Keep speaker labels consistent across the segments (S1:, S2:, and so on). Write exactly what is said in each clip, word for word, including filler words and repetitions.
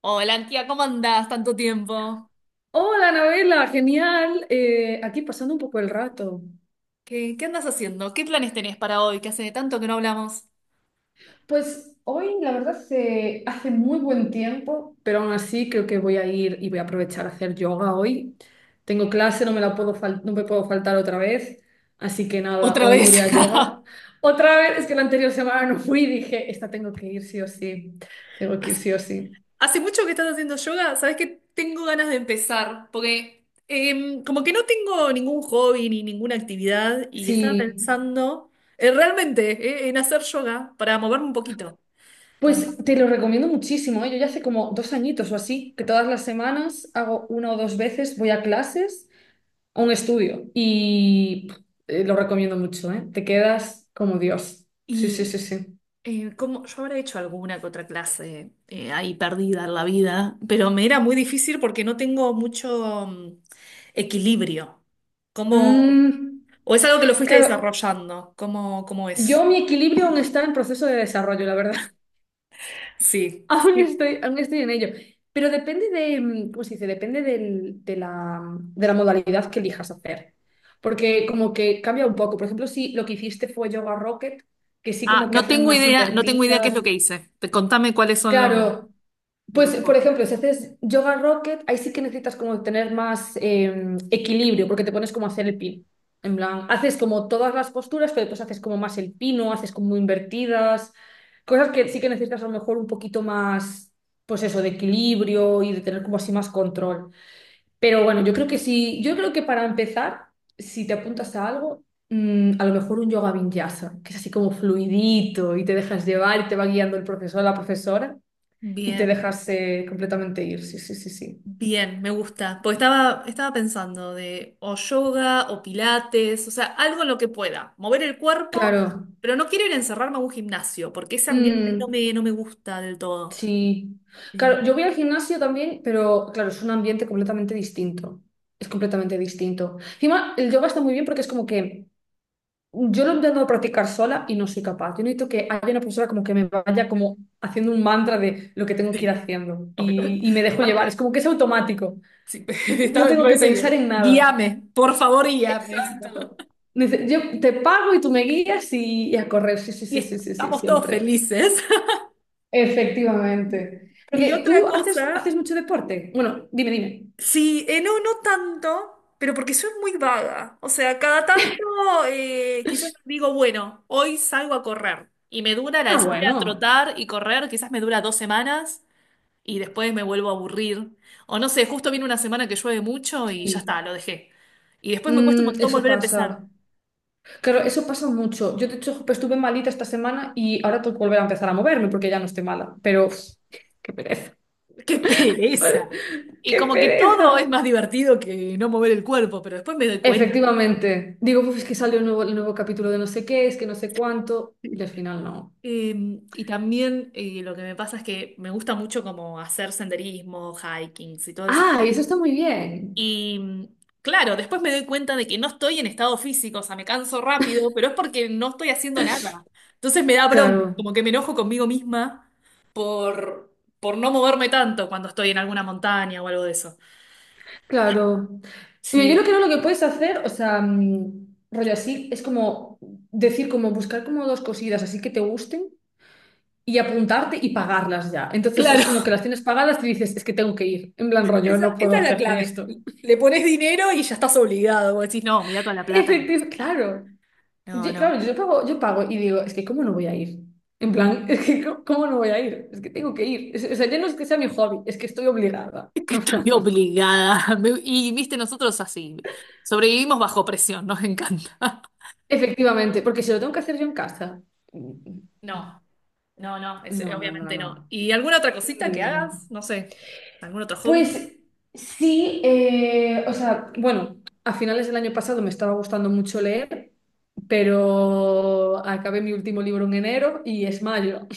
S1: Hola, tía, ¿cómo andás? Tanto tiempo.
S2: Hola, novela, genial. Eh, aquí pasando un poco el rato.
S1: ¿Qué, qué andas haciendo? ¿Qué planes tenés para hoy? Que hace tanto que no hablamos.
S2: Pues hoy, la verdad, se hace muy buen tiempo, pero aún así creo que voy a ir y voy a aprovechar a hacer yoga hoy. Tengo clase, no me la puedo fal- no me puedo faltar otra vez. Así que nada,
S1: Otra
S2: hoy iré
S1: vez.
S2: a yoga. Otra vez, es que la anterior semana no fui y dije, esta tengo que ir sí o sí. Tengo que ir
S1: Hace
S2: sí o sí.
S1: hace mucho que estás haciendo yoga. Sabes que tengo ganas de empezar, porque em, como que no tengo ningún hobby ni ninguna actividad y estaba
S2: Sí,
S1: pensando eh, realmente eh, en hacer yoga para moverme un poquito.
S2: pues
S1: Como-
S2: te lo recomiendo muchísimo, ¿eh? Yo ya hace como dos añitos o así, que todas las semanas hago una o dos veces, voy a clases un estudio y pff, eh, lo recomiendo mucho, ¿eh? Te quedas como Dios. Sí, sí,
S1: y
S2: sí, sí.
S1: Eh, como yo habré hecho alguna que otra clase eh, ahí perdida en la vida, pero me era muy difícil porque no tengo mucho mm, equilibrio. ¿Cómo,
S2: Mm,
S1: o es algo que lo fuiste
S2: claro,
S1: desarrollando? ¿Cómo, cómo
S2: yo
S1: es?
S2: mi equilibrio aún está en proceso de desarrollo, la verdad.
S1: Sí.
S2: Aún
S1: Sí.
S2: estoy, aún estoy en ello. Pero depende de, mm, ¿cómo se dice? Depende del- de la, de la modalidad que elijas hacer. Porque como que cambia un poco. Por ejemplo, si lo que hiciste fue yoga rocket, que sí
S1: Ah,
S2: como que
S1: no
S2: hacen
S1: tengo
S2: más
S1: idea, no tengo idea qué es lo
S2: invertidas.
S1: que hice. Te- Contame cuáles son los,
S2: Claro.
S1: los
S2: Pues, por
S1: focus.
S2: ejemplo, si haces yoga rocket, ahí sí que necesitas como tener más eh, equilibrio, porque te pones como a hacer el pin. En plan, haces como todas las posturas, pero después haces como más el pino, haces como invertidas, cosas que sí que necesitas a lo mejor un poquito más, pues eso, de equilibrio y de tener como así más control. Pero bueno, yo creo que sí, yo creo que para empezar, si te apuntas a algo, mm, a lo mejor un yoga vinyasa, que es así como fluidito y te dejas llevar y te va guiando el profesor o la profesora y te
S1: Bien.
S2: dejarse completamente ir, sí, sí, sí, sí.
S1: Bien, me gusta. Porque estaba, estaba pensando de o yoga o pilates, o sea, algo en lo que pueda mover el cuerpo,
S2: Claro.
S1: pero no quiero ir a encerrarme a un gimnasio, porque ese ambiente no
S2: Mm,
S1: me, no me gusta del todo.
S2: sí.
S1: Eh,
S2: Claro, yo voy al gimnasio también, pero claro, es un ambiente completamente distinto. Es completamente distinto. Encima, el yoga está muy bien porque es como que yo lo intento practicar sola y no soy capaz. Yo necesito que haya una persona como que me vaya como haciendo un mantra de lo que tengo que ir
S1: sí,
S2: haciendo
S1: ok.
S2: y, y me dejo llevar.
S1: Para-
S2: Es como que es automático.
S1: sí, está-
S2: No
S1: me
S2: tengo que
S1: parece
S2: pensar
S1: bien.
S2: en nada.
S1: Guíame, por favor, guíame.
S2: Exacto. Dice, yo te pago y tú me guías y, y a correr. Sí, sí,
S1: Y
S2: sí, sí, sí, sí,
S1: estamos todos
S2: siempre.
S1: felices.
S2: Efectivamente.
S1: Y
S2: Porque tú
S1: otra
S2: haces,
S1: cosa.
S2: haces mucho deporte. Bueno, dime, dime.
S1: Sí, eh, no, no tanto, pero porque soy muy vaga. O sea, cada tanto eh, quizás digo, bueno, hoy salgo a correr. Y me dura la de
S2: Ah,
S1: salir a
S2: bueno.
S1: trotar y correr, quizás me dura dos semanas y después me vuelvo a aburrir. O no sé, justo viene una semana que llueve mucho y ya
S2: Sí.
S1: está, lo dejé. Y después me cuesta un
S2: Mm,
S1: montón
S2: eso
S1: volver a empezar.
S2: pasa. Claro, eso pasa mucho. Yo, de hecho, pues, estuve malita esta semana y ahora tengo que volver a empezar a moverme porque ya no estoy mala. Pero, uf, qué pereza.
S1: ¡Qué pereza! Y
S2: ¡Qué
S1: como que todo es
S2: pereza!
S1: más divertido que no mover el cuerpo, pero después me doy cuenta.
S2: Efectivamente. Digo, pues es que salió el nuevo, el nuevo capítulo de no sé qué, es que no sé cuánto. Y al final no.
S1: Eh, y también eh, lo que me pasa es que me gusta mucho como hacer senderismo, hikings y todas esas
S2: Ah, y
S1: cosas.
S2: eso está muy bien.
S1: Y mm, claro, después me doy cuenta de que no estoy en estado físico, o sea, me canso rápido, pero es porque no estoy haciendo nada. Entonces me da bronca,
S2: Claro,
S1: como que me enojo conmigo misma por, por no moverme tanto cuando estoy en alguna montaña o algo de eso.
S2: claro. Mira, yo
S1: Sí,
S2: lo que no lo que puedes hacer, o sea, mm, rollo así, es como decir, como buscar como dos cositas así que te gusten y apuntarte y pagarlas ya. Entonces es
S1: claro,
S2: como que las tienes pagadas y dices, es que tengo que ir. En plan rollo, no
S1: esa,
S2: puedo
S1: esa es la
S2: hacerme
S1: clave.
S2: esto.
S1: Le pones dinero y ya estás obligado. Vos decís, no, mira toda la plata que...
S2: Efectivamente,
S1: Ah,
S2: claro.
S1: no,
S2: Yo,
S1: no.
S2: claro, yo pago, yo pago y digo, es que ¿cómo no voy a ir? En plan, es que ¿cómo cómo no voy a ir? Es que tengo que ir. Es- o sea, ya no es que sea mi hobby, es que estoy obligada.
S1: Es que estoy obligada. Me- Y viste, nosotros así. Sobrevivimos bajo presión, nos encanta.
S2: Efectivamente, porque si lo tengo que hacer yo en casa. Mm,
S1: No, no, no, es-
S2: no, no, no,
S1: obviamente
S2: no.
S1: no. ¿Y alguna otra cosita
S2: Ni
S1: que
S2: de broma.
S1: hagas? No sé, ¿algún otro hobby?
S2: Pues sí, eh, o sea, bueno, a finales del año pasado me estaba gustando mucho leer, pero acabé mi último libro en enero y es mayo.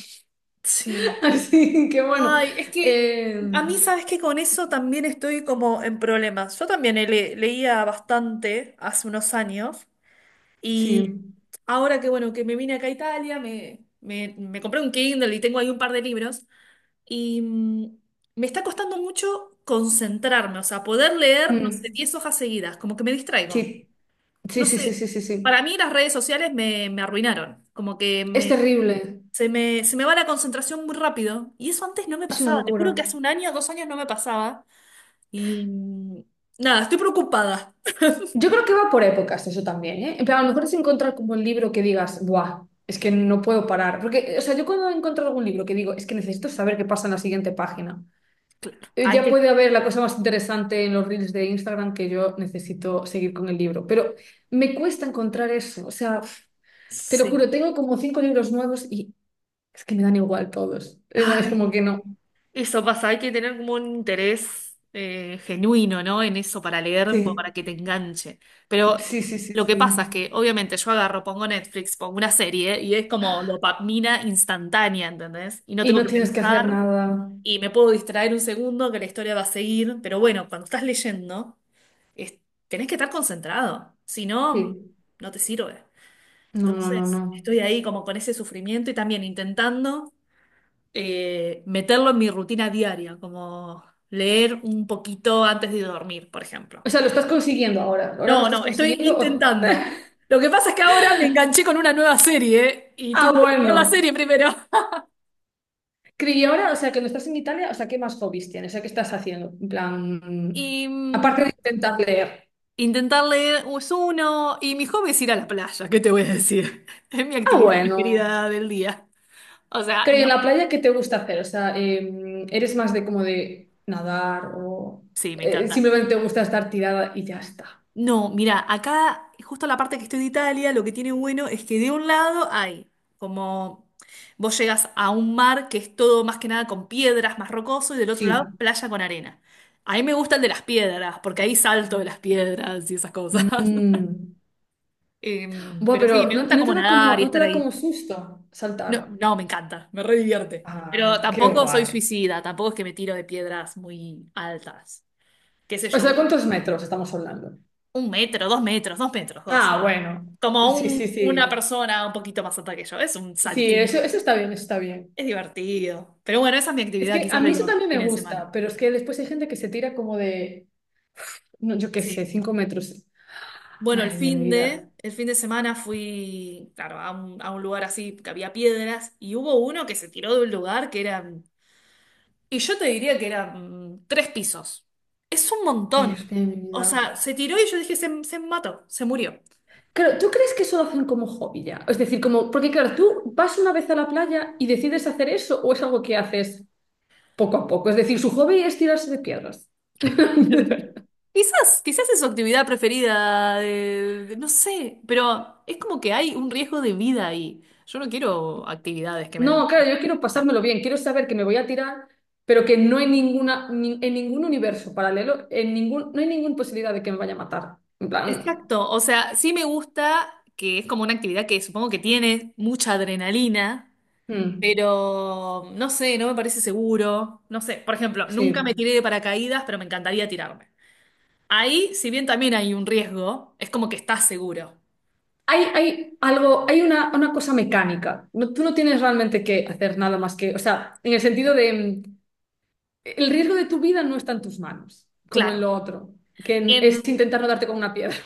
S1: Sí.
S2: Así que bueno,
S1: Ay, es que
S2: eh,
S1: a mí sabes que con eso también estoy como en problemas. Yo también le- leía bastante hace unos años, y
S2: sí.
S1: ahora que bueno, que me vine acá a Italia, me, me, me compré un Kindle y tengo ahí un par de libros. Y mm, me está costando mucho concentrarme, o sea, poder leer, no sé,
S2: Mm,
S1: diez hojas seguidas, como que me
S2: sí,
S1: distraigo.
S2: sí,
S1: No
S2: sí, sí, sí,
S1: sé,
S2: sí, sí.
S1: para mí las redes sociales me, me arruinaron, como que
S2: Es
S1: me,
S2: terrible.
S1: se me, se me va la concentración muy rápido. Y eso antes no me
S2: Es una
S1: pasaba, te juro que
S2: locura.
S1: hace un año, dos años no me pasaba. Y mm, nada, estoy preocupada.
S2: Yo creo que va por épocas eso también, ¿eh? En plan, a lo mejor es encontrar como el libro que digas, ¡buah! Es que no puedo parar. Porque, o sea, yo cuando encuentro algún libro que digo, es que necesito saber qué pasa en la siguiente página,
S1: Claro,
S2: eh,
S1: ahí
S2: ya
S1: te...
S2: puede haber la cosa más interesante en los reels de Instagram que yo necesito seguir con el libro. Pero me cuesta encontrar eso. O sea, pf, te lo
S1: Sí.
S2: juro, tengo como cinco libros nuevos y es que me dan igual todos. Eh, Es como
S1: Ay.
S2: que no.
S1: Eso pasa, hay que tener como un interés eh, genuino, ¿no? En eso para leer, como para
S2: Sí,
S1: que te enganche. Pero
S2: sí, sí, sí,
S1: lo que pasa es
S2: sí.
S1: que, obviamente, yo agarro, pongo Netflix, pongo una serie y es como dopamina instantánea, ¿entendés? Y no
S2: Y
S1: tengo
S2: no
S1: que
S2: tienes que hacer
S1: pensar,
S2: nada.
S1: y me puedo distraer un segundo que la historia va a seguir. Pero bueno, cuando estás leyendo, es- tenés que estar concentrado, si no,
S2: Sí.
S1: no te sirve.
S2: No, no, no,
S1: Entonces,
S2: no.
S1: estoy ahí como con ese sufrimiento y también intentando eh, meterlo en mi rutina diaria, como leer un poquito antes de dormir, por ejemplo.
S2: O sea, lo estás consiguiendo ahora. Ahora lo
S1: No,
S2: estás
S1: no, estoy
S2: consiguiendo. o-
S1: intentando. Lo que pasa es que ahora me enganché con una nueva serie, ¿eh? Y
S2: Ah,
S1: tengo que terminar la
S2: bueno.
S1: serie primero.
S2: Cri, ahora, o sea, que no estás en Italia, o sea, ¿qué más hobbies tienes? O sea, ¿qué estás haciendo? En plan,
S1: Y mm,
S2: aparte de intentar leer.
S1: intentar leer es uno. Y mi hobby es ir a la playa, ¿qué te voy a decir? Es mi
S2: Ah,
S1: actividad
S2: bueno.
S1: preferida del día. O sea,
S2: ¿Creo
S1: no.
S2: en la playa qué te gusta hacer? O sea, eh, ¿eres más de como de nadar o
S1: Sí, me
S2: eh,
S1: encanta.
S2: simplemente te gusta estar tirada y ya está?
S1: No, mira, acá, justo la parte que estoy de Italia, lo que tiene bueno es que de un lado hay como, vos llegas a un mar que es todo más que nada con piedras, más rocoso, y del otro lado
S2: Sí.
S1: playa con arena. A mí me gusta el de las piedras, porque ahí salto de las piedras y esas cosas.
S2: Mm.
S1: Em,
S2: Buah,
S1: pero sí,
S2: pero
S1: me
S2: no- ¿y
S1: gusta
S2: no te
S1: como
S2: da como,
S1: nadar y
S2: no te
S1: estar
S2: da como
S1: ahí.
S2: susto
S1: No,
S2: saltar?
S1: no, me encanta, me re divierte. Pero
S2: Ah, qué
S1: tampoco soy
S2: guay.
S1: suicida, tampoco es que me tiro de piedras muy altas. ¿Qué sé
S2: O
S1: yo?
S2: sea, ¿cuántos metros estamos hablando?
S1: Un metro, dos metros, dos metros, dos.
S2: Ah, bueno.
S1: Como
S2: Sí, sí,
S1: un- una
S2: sí.
S1: persona un poquito más alta que yo. Es un
S2: Sí,
S1: saltín.
S2: eso, eso está bien, eso está bien.
S1: Es divertido. Pero bueno, esa es mi
S2: Es
S1: actividad
S2: que a
S1: quizás de
S2: mí eso
S1: los
S2: también me
S1: fines de semana.
S2: gusta, pero es que después hay gente que se tira como de, no, yo qué sé,
S1: Sí.
S2: cinco metros.
S1: Bueno, el
S2: Madre mía, mi
S1: fin de,
S2: vida.
S1: el fin de semana fui, claro, a un, a un lugar así que había piedras y hubo uno que se tiró de un lugar que eran, y yo te diría que eran mm, tres pisos. Es un
S2: Ay,
S1: montón.
S2: Dios mío, mi
S1: O
S2: vida.
S1: sea, se tiró y yo dije, se, se mató, se murió.
S2: Claro, ¿tú crees que eso lo hacen como hobby ya? Es decir, como, porque claro, tú vas una vez a la playa y decides hacer eso o es algo que haces poco a poco. Es decir, su hobby es tirarse de piedras.
S1: Quizás, quizás es su actividad preferida, de- de- no sé, pero es como que hay un riesgo de vida ahí. Yo no quiero actividades que me den...
S2: No, claro, yo quiero
S1: Ah,
S2: pasármelo bien, quiero saber que me voy a tirar, pero que no hay ninguna, ni- en ningún universo paralelo, en ningún, no hay ninguna posibilidad de que me vaya a matar. En plan,
S1: exacto, o sea, sí me gusta que es como una actividad que supongo que tiene mucha adrenalina,
S2: mm,
S1: pero no sé, no me parece seguro. No sé, por ejemplo, nunca me
S2: sí.
S1: tiré de paracaídas, pero me encantaría tirarme. Ahí, si bien también hay un riesgo, es como que estás seguro.
S2: Hay, hay algo, hay una, una cosa mecánica. No, tú no tienes realmente que hacer nada más que, o sea, en el sentido de, mm, el riesgo de tu vida no está en tus manos, como en
S1: Claro.
S2: lo otro, que en- es
S1: Em,
S2: intentar no darte con una piedra.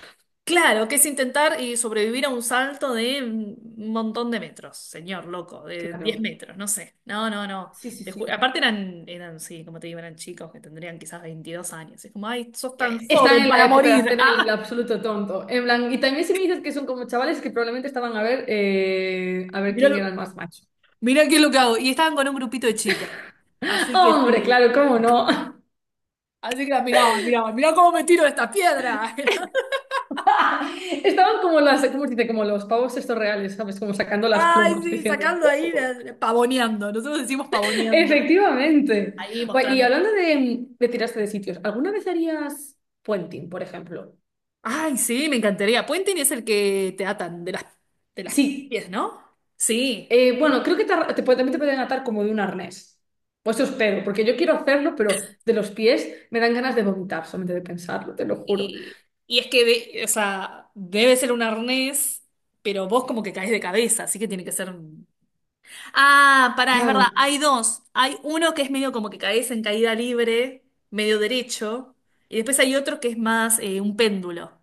S1: Claro, que es intentar y sobrevivir a un salto de un montón de metros, señor loco, de diez
S2: Claro.
S1: metros, no sé. No, no, no.
S2: Sí, sí,
S1: Te
S2: sí.
S1: ju- Aparte eran, eran, sí, como te digo, eran chicos que tendrían quizás veintidós años. Es como, ay, sos tan
S2: Están
S1: joven
S2: en la
S1: para
S2: época de
S1: morir.
S2: hacer el
S1: Ah,
S2: absoluto tonto. En plan, y también si me dices que son como chavales que probablemente estaban a ver, eh, a ver
S1: mirá,
S2: quién era
S1: lo-
S2: el más macho.
S1: mirá qué es lo que hago. Y estaban con un grupito de chicas. Así que
S2: Hombre,
S1: sí.
S2: claro, cómo no.
S1: Así que la miraban, miraban, mirá cómo me tiro de esta piedra.
S2: Estaban como las, ¿cómo se dice? Como los pavos estos reales, ¿sabes? Como sacando las
S1: Ay,
S2: plumas,
S1: sí,
S2: diciendo,
S1: sacando ahí,
S2: "Uh".
S1: la- pavoneando. Nosotros decimos pavoneando.
S2: Efectivamente.
S1: Ahí
S2: Bueno, y
S1: mostrando.
S2: hablando de, de tirarse de sitios, ¿alguna vez harías puenting, por ejemplo?
S1: Ay, sí, me encantaría. Puenting es el que te atan de las, de las
S2: Sí.
S1: pies, ¿no? Sí.
S2: Eh, bueno, creo que te ar- te puede- también te pueden atar como de un arnés. Pues eso espero, porque yo quiero hacerlo, pero de los pies me dan ganas de vomitar solamente de pensarlo, te lo juro.
S1: Y, y es que, de- o sea, debe ser un arnés, pero vos como que caes de cabeza, así que tiene que ser. un- Ah, pará, es verdad,
S2: Claro,
S1: hay dos. Hay uno que es medio como que caes en caída libre, medio derecho, y después hay otro que es más eh, un péndulo.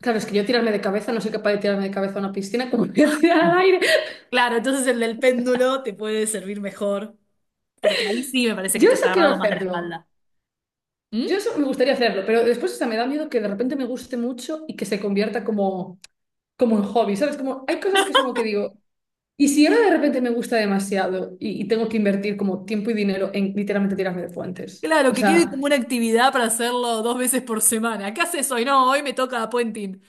S2: claro, es que yo tirarme de cabeza, no soy capaz de tirarme de cabeza a una piscina como voy a tirar al aire.
S1: Claro, entonces el del péndulo te puede servir mejor, porque ahí sí me parece que
S2: Yo
S1: estás
S2: eso quiero
S1: agarrado más de la
S2: hacerlo.
S1: espalda.
S2: Yo
S1: ¿Mm?
S2: eso me gustaría hacerlo, pero después hasta me da miedo que de repente me guste mucho y que se convierta como, como en hobby, ¿sabes? Como hay cosas que es como que digo, y si ahora de repente me gusta demasiado y, y tengo que invertir como tiempo y dinero en literalmente tirarme de puentes.
S1: Claro,
S2: O
S1: que quede como
S2: sea.
S1: una actividad para hacerlo dos veces por semana. ¿Qué haces hoy? No, hoy me toca puenting.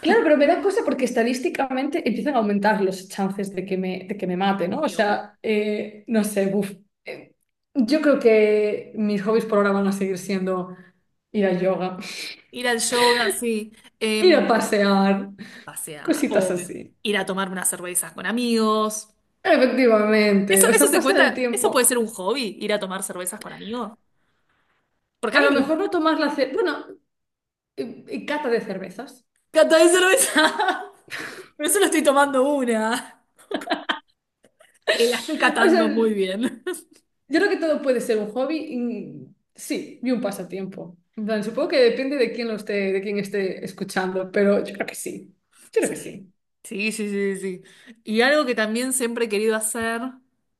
S2: Claro, pero me da cosa porque estadísticamente empiezan a aumentar los chances de que me, de que me mate, ¿no? O
S1: Y obvio.
S2: sea, eh, no sé, buf. Eh, yo creo que mis hobbies por ahora van a seguir siendo ir a yoga,
S1: Ir al yoga, sí.
S2: ir a
S1: Em,
S2: pasear,
S1: pasear,
S2: cositas
S1: obvio.
S2: así.
S1: Ir a tomar unas cervezas con amigos.
S2: Efectivamente,
S1: Eso,
S2: o
S1: eso
S2: sea,
S1: se
S2: pasa el
S1: cuenta, eso puede
S2: tiempo.
S1: ser un hobby, ir a tomar cervezas con amigos. Porque
S2: A
S1: a mí
S2: lo
S1: me
S2: mejor no
S1: gusta
S2: tomas la cerveza, bueno, eh, eh, cata de cervezas.
S1: catar cerveza. Pero solo estoy tomando una. Eh, la estoy
S2: O
S1: catando
S2: sea,
S1: muy bien.
S2: yo creo que todo puede ser un hobby, y- sí, y un pasatiempo. En plan, supongo que depende de quién lo esté, de quién esté escuchando, pero yo creo que sí. Yo creo que
S1: Sí.
S2: sí.
S1: Sí, sí, sí, sí. Y algo que también siempre he querido hacer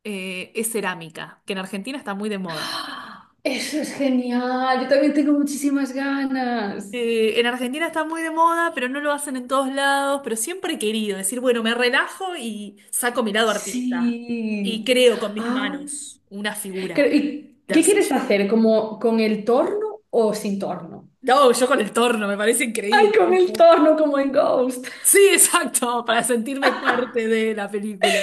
S1: eh, es cerámica, que en Argentina está muy de moda.
S2: ¡Ah! Eso es genial. Yo también tengo muchísimas ganas.
S1: Eh, en Argentina está muy de moda, pero no lo hacen en todos lados, pero siempre he querido decir, bueno, me relajo y saco mi lado artista y
S2: Sí.
S1: creo con mis
S2: Ah,
S1: manos una figura
S2: creo- ¿y
S1: de
S2: qué
S1: arcilla.
S2: quieres hacer? ¿Como con el torno o sin torno?
S1: No, yo con el torno, me parece
S2: ¡Ay,
S1: increíble.
S2: con el torno, como en Ghost!
S1: Sí, exacto, para sentirme parte de la película.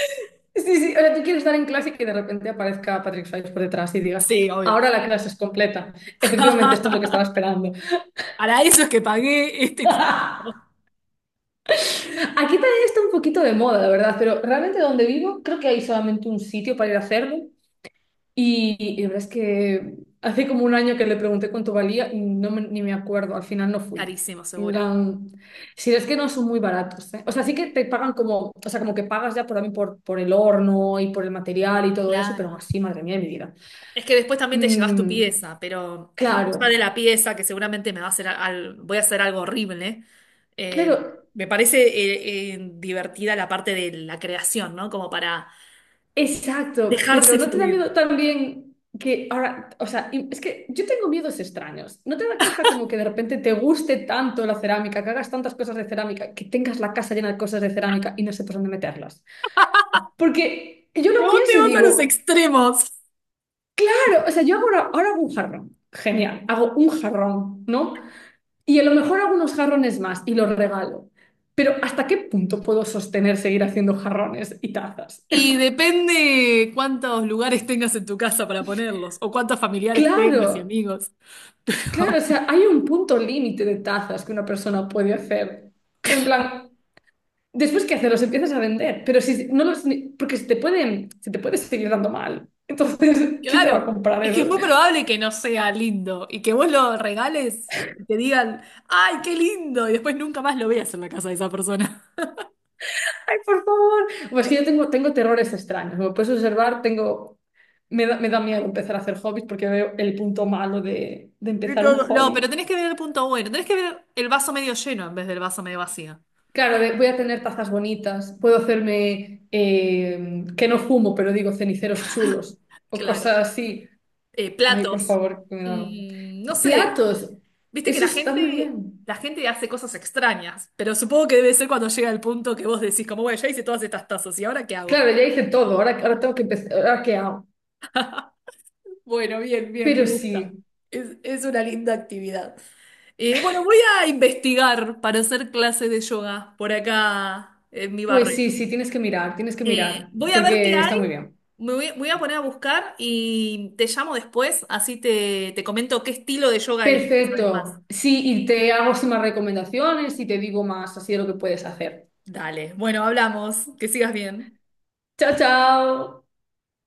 S2: Sí, sí, o sea, tú quieres estar en clase y que de repente aparezca Patrick Swayze por detrás y digas,
S1: Sí, obvio.
S2: ahora la clase es completa. Efectivamente, esto es lo que estaba esperando.
S1: Para eso es que pagué este
S2: Aquí
S1: curso.
S2: también está un poquito de moda, la verdad, pero realmente donde vivo creo que hay solamente un sitio para ir a hacerlo. Y, y la verdad es que hace como un año que le pregunté cuánto valía y no me- ni me acuerdo, al final no fui.
S1: Carísimo,
S2: En
S1: seguro.
S2: plan, sí, es que no son muy baratos, ¿eh? O sea, sí que te pagan como, o sea, como que pagas ya por, también por, por, el horno y por el material y todo eso, pero aún
S1: Claro.
S2: así, madre mía, de mi vida.
S1: Es que después también te llevas tu
S2: Mm,
S1: pieza, pero más allá de
S2: claro,
S1: la pieza, que seguramente me va a hacer al- voy a hacer algo horrible, eh,
S2: claro,
S1: me parece eh, eh, divertida la parte de la creación, ¿no? Como para
S2: exacto, pero
S1: dejarse
S2: ¿no te da
S1: fluir.
S2: miedo también que ahora, o sea, y- es que yo tengo miedos extraños, ¿no te da cosa como que de repente te guste tanto la cerámica, que hagas tantas cosas de cerámica, que tengas la casa llena de cosas de cerámica y no sepas dónde meterlas? Porque yo lo
S1: Pero vos te
S2: pienso y
S1: vas a los
S2: digo,
S1: extremos.
S2: claro, o sea, yo hago ahora, ahora hago un jarrón, genial, hago un jarrón, ¿no? Y a lo mejor hago unos jarrones más y los regalo. Pero ¿hasta qué punto puedo sostener seguir haciendo jarrones y tazas?
S1: Y depende cuántos lugares tengas en tu casa para ponerlos, o cuántos familiares
S2: Claro,
S1: tengas y amigos.
S2: claro, o sea, hay un punto límite de tazas que una persona puede hacer. En plan, después que hacerlos empiezas a vender, pero si no los, ni- porque se te pueden, se te puede seguir dando mal. Entonces, ¿quién te va a
S1: Claro,
S2: comprar
S1: es que es
S2: eso?
S1: muy probable que no sea lindo y que vos lo regales y te digan, ¡ay, qué lindo! Y después nunca más lo veas en la casa de esa persona.
S2: Ay, por favor. Pues que yo tengo, tengo terrores extraños. Como puedes observar, tengo, me da, me da miedo empezar a hacer hobbies porque veo el punto malo de, de
S1: Y
S2: empezar un
S1: todo. No, pero
S2: hobby.
S1: tenés que ver el punto bueno, tenés que ver el vaso medio lleno en vez del vaso medio vacío.
S2: Claro, de- voy a tener tazas bonitas, puedo hacerme, eh, que no fumo, pero digo ceniceros chulos o
S1: Claro.
S2: cosas así.
S1: Eh,
S2: Ay, por
S1: platos.
S2: favor, que me da.
S1: Mm, no sé,
S2: Platos,
S1: viste que
S2: eso
S1: la
S2: está muy
S1: gente,
S2: bien.
S1: la gente hace cosas extrañas, pero supongo que debe ser cuando llega el punto que vos decís, como, bueno, ya hice todas estas tazas, ¿y ahora qué hago?
S2: Claro, ya hice todo, ahora, ahora tengo que empezar, ahora qué hago.
S1: Bueno, bien, bien, me
S2: Pero
S1: gusta.
S2: sí,
S1: Es, es una linda actividad. Eh, bueno, voy a investigar para hacer clases de yoga por acá en mi
S2: pues
S1: barrio.
S2: sí, sí, tienes que mirar, tienes que
S1: Eh,
S2: mirar,
S1: voy a ver qué
S2: porque está
S1: hay,
S2: muy bien.
S1: me voy, voy a poner a buscar y te llamo después, así te, te comento qué estilo de yoga es, que sabes más.
S2: Perfecto, sí, y te hago así más recomendaciones y te digo más así de lo que puedes hacer.
S1: Dale, bueno, hablamos, que sigas bien.
S2: Chao, chao.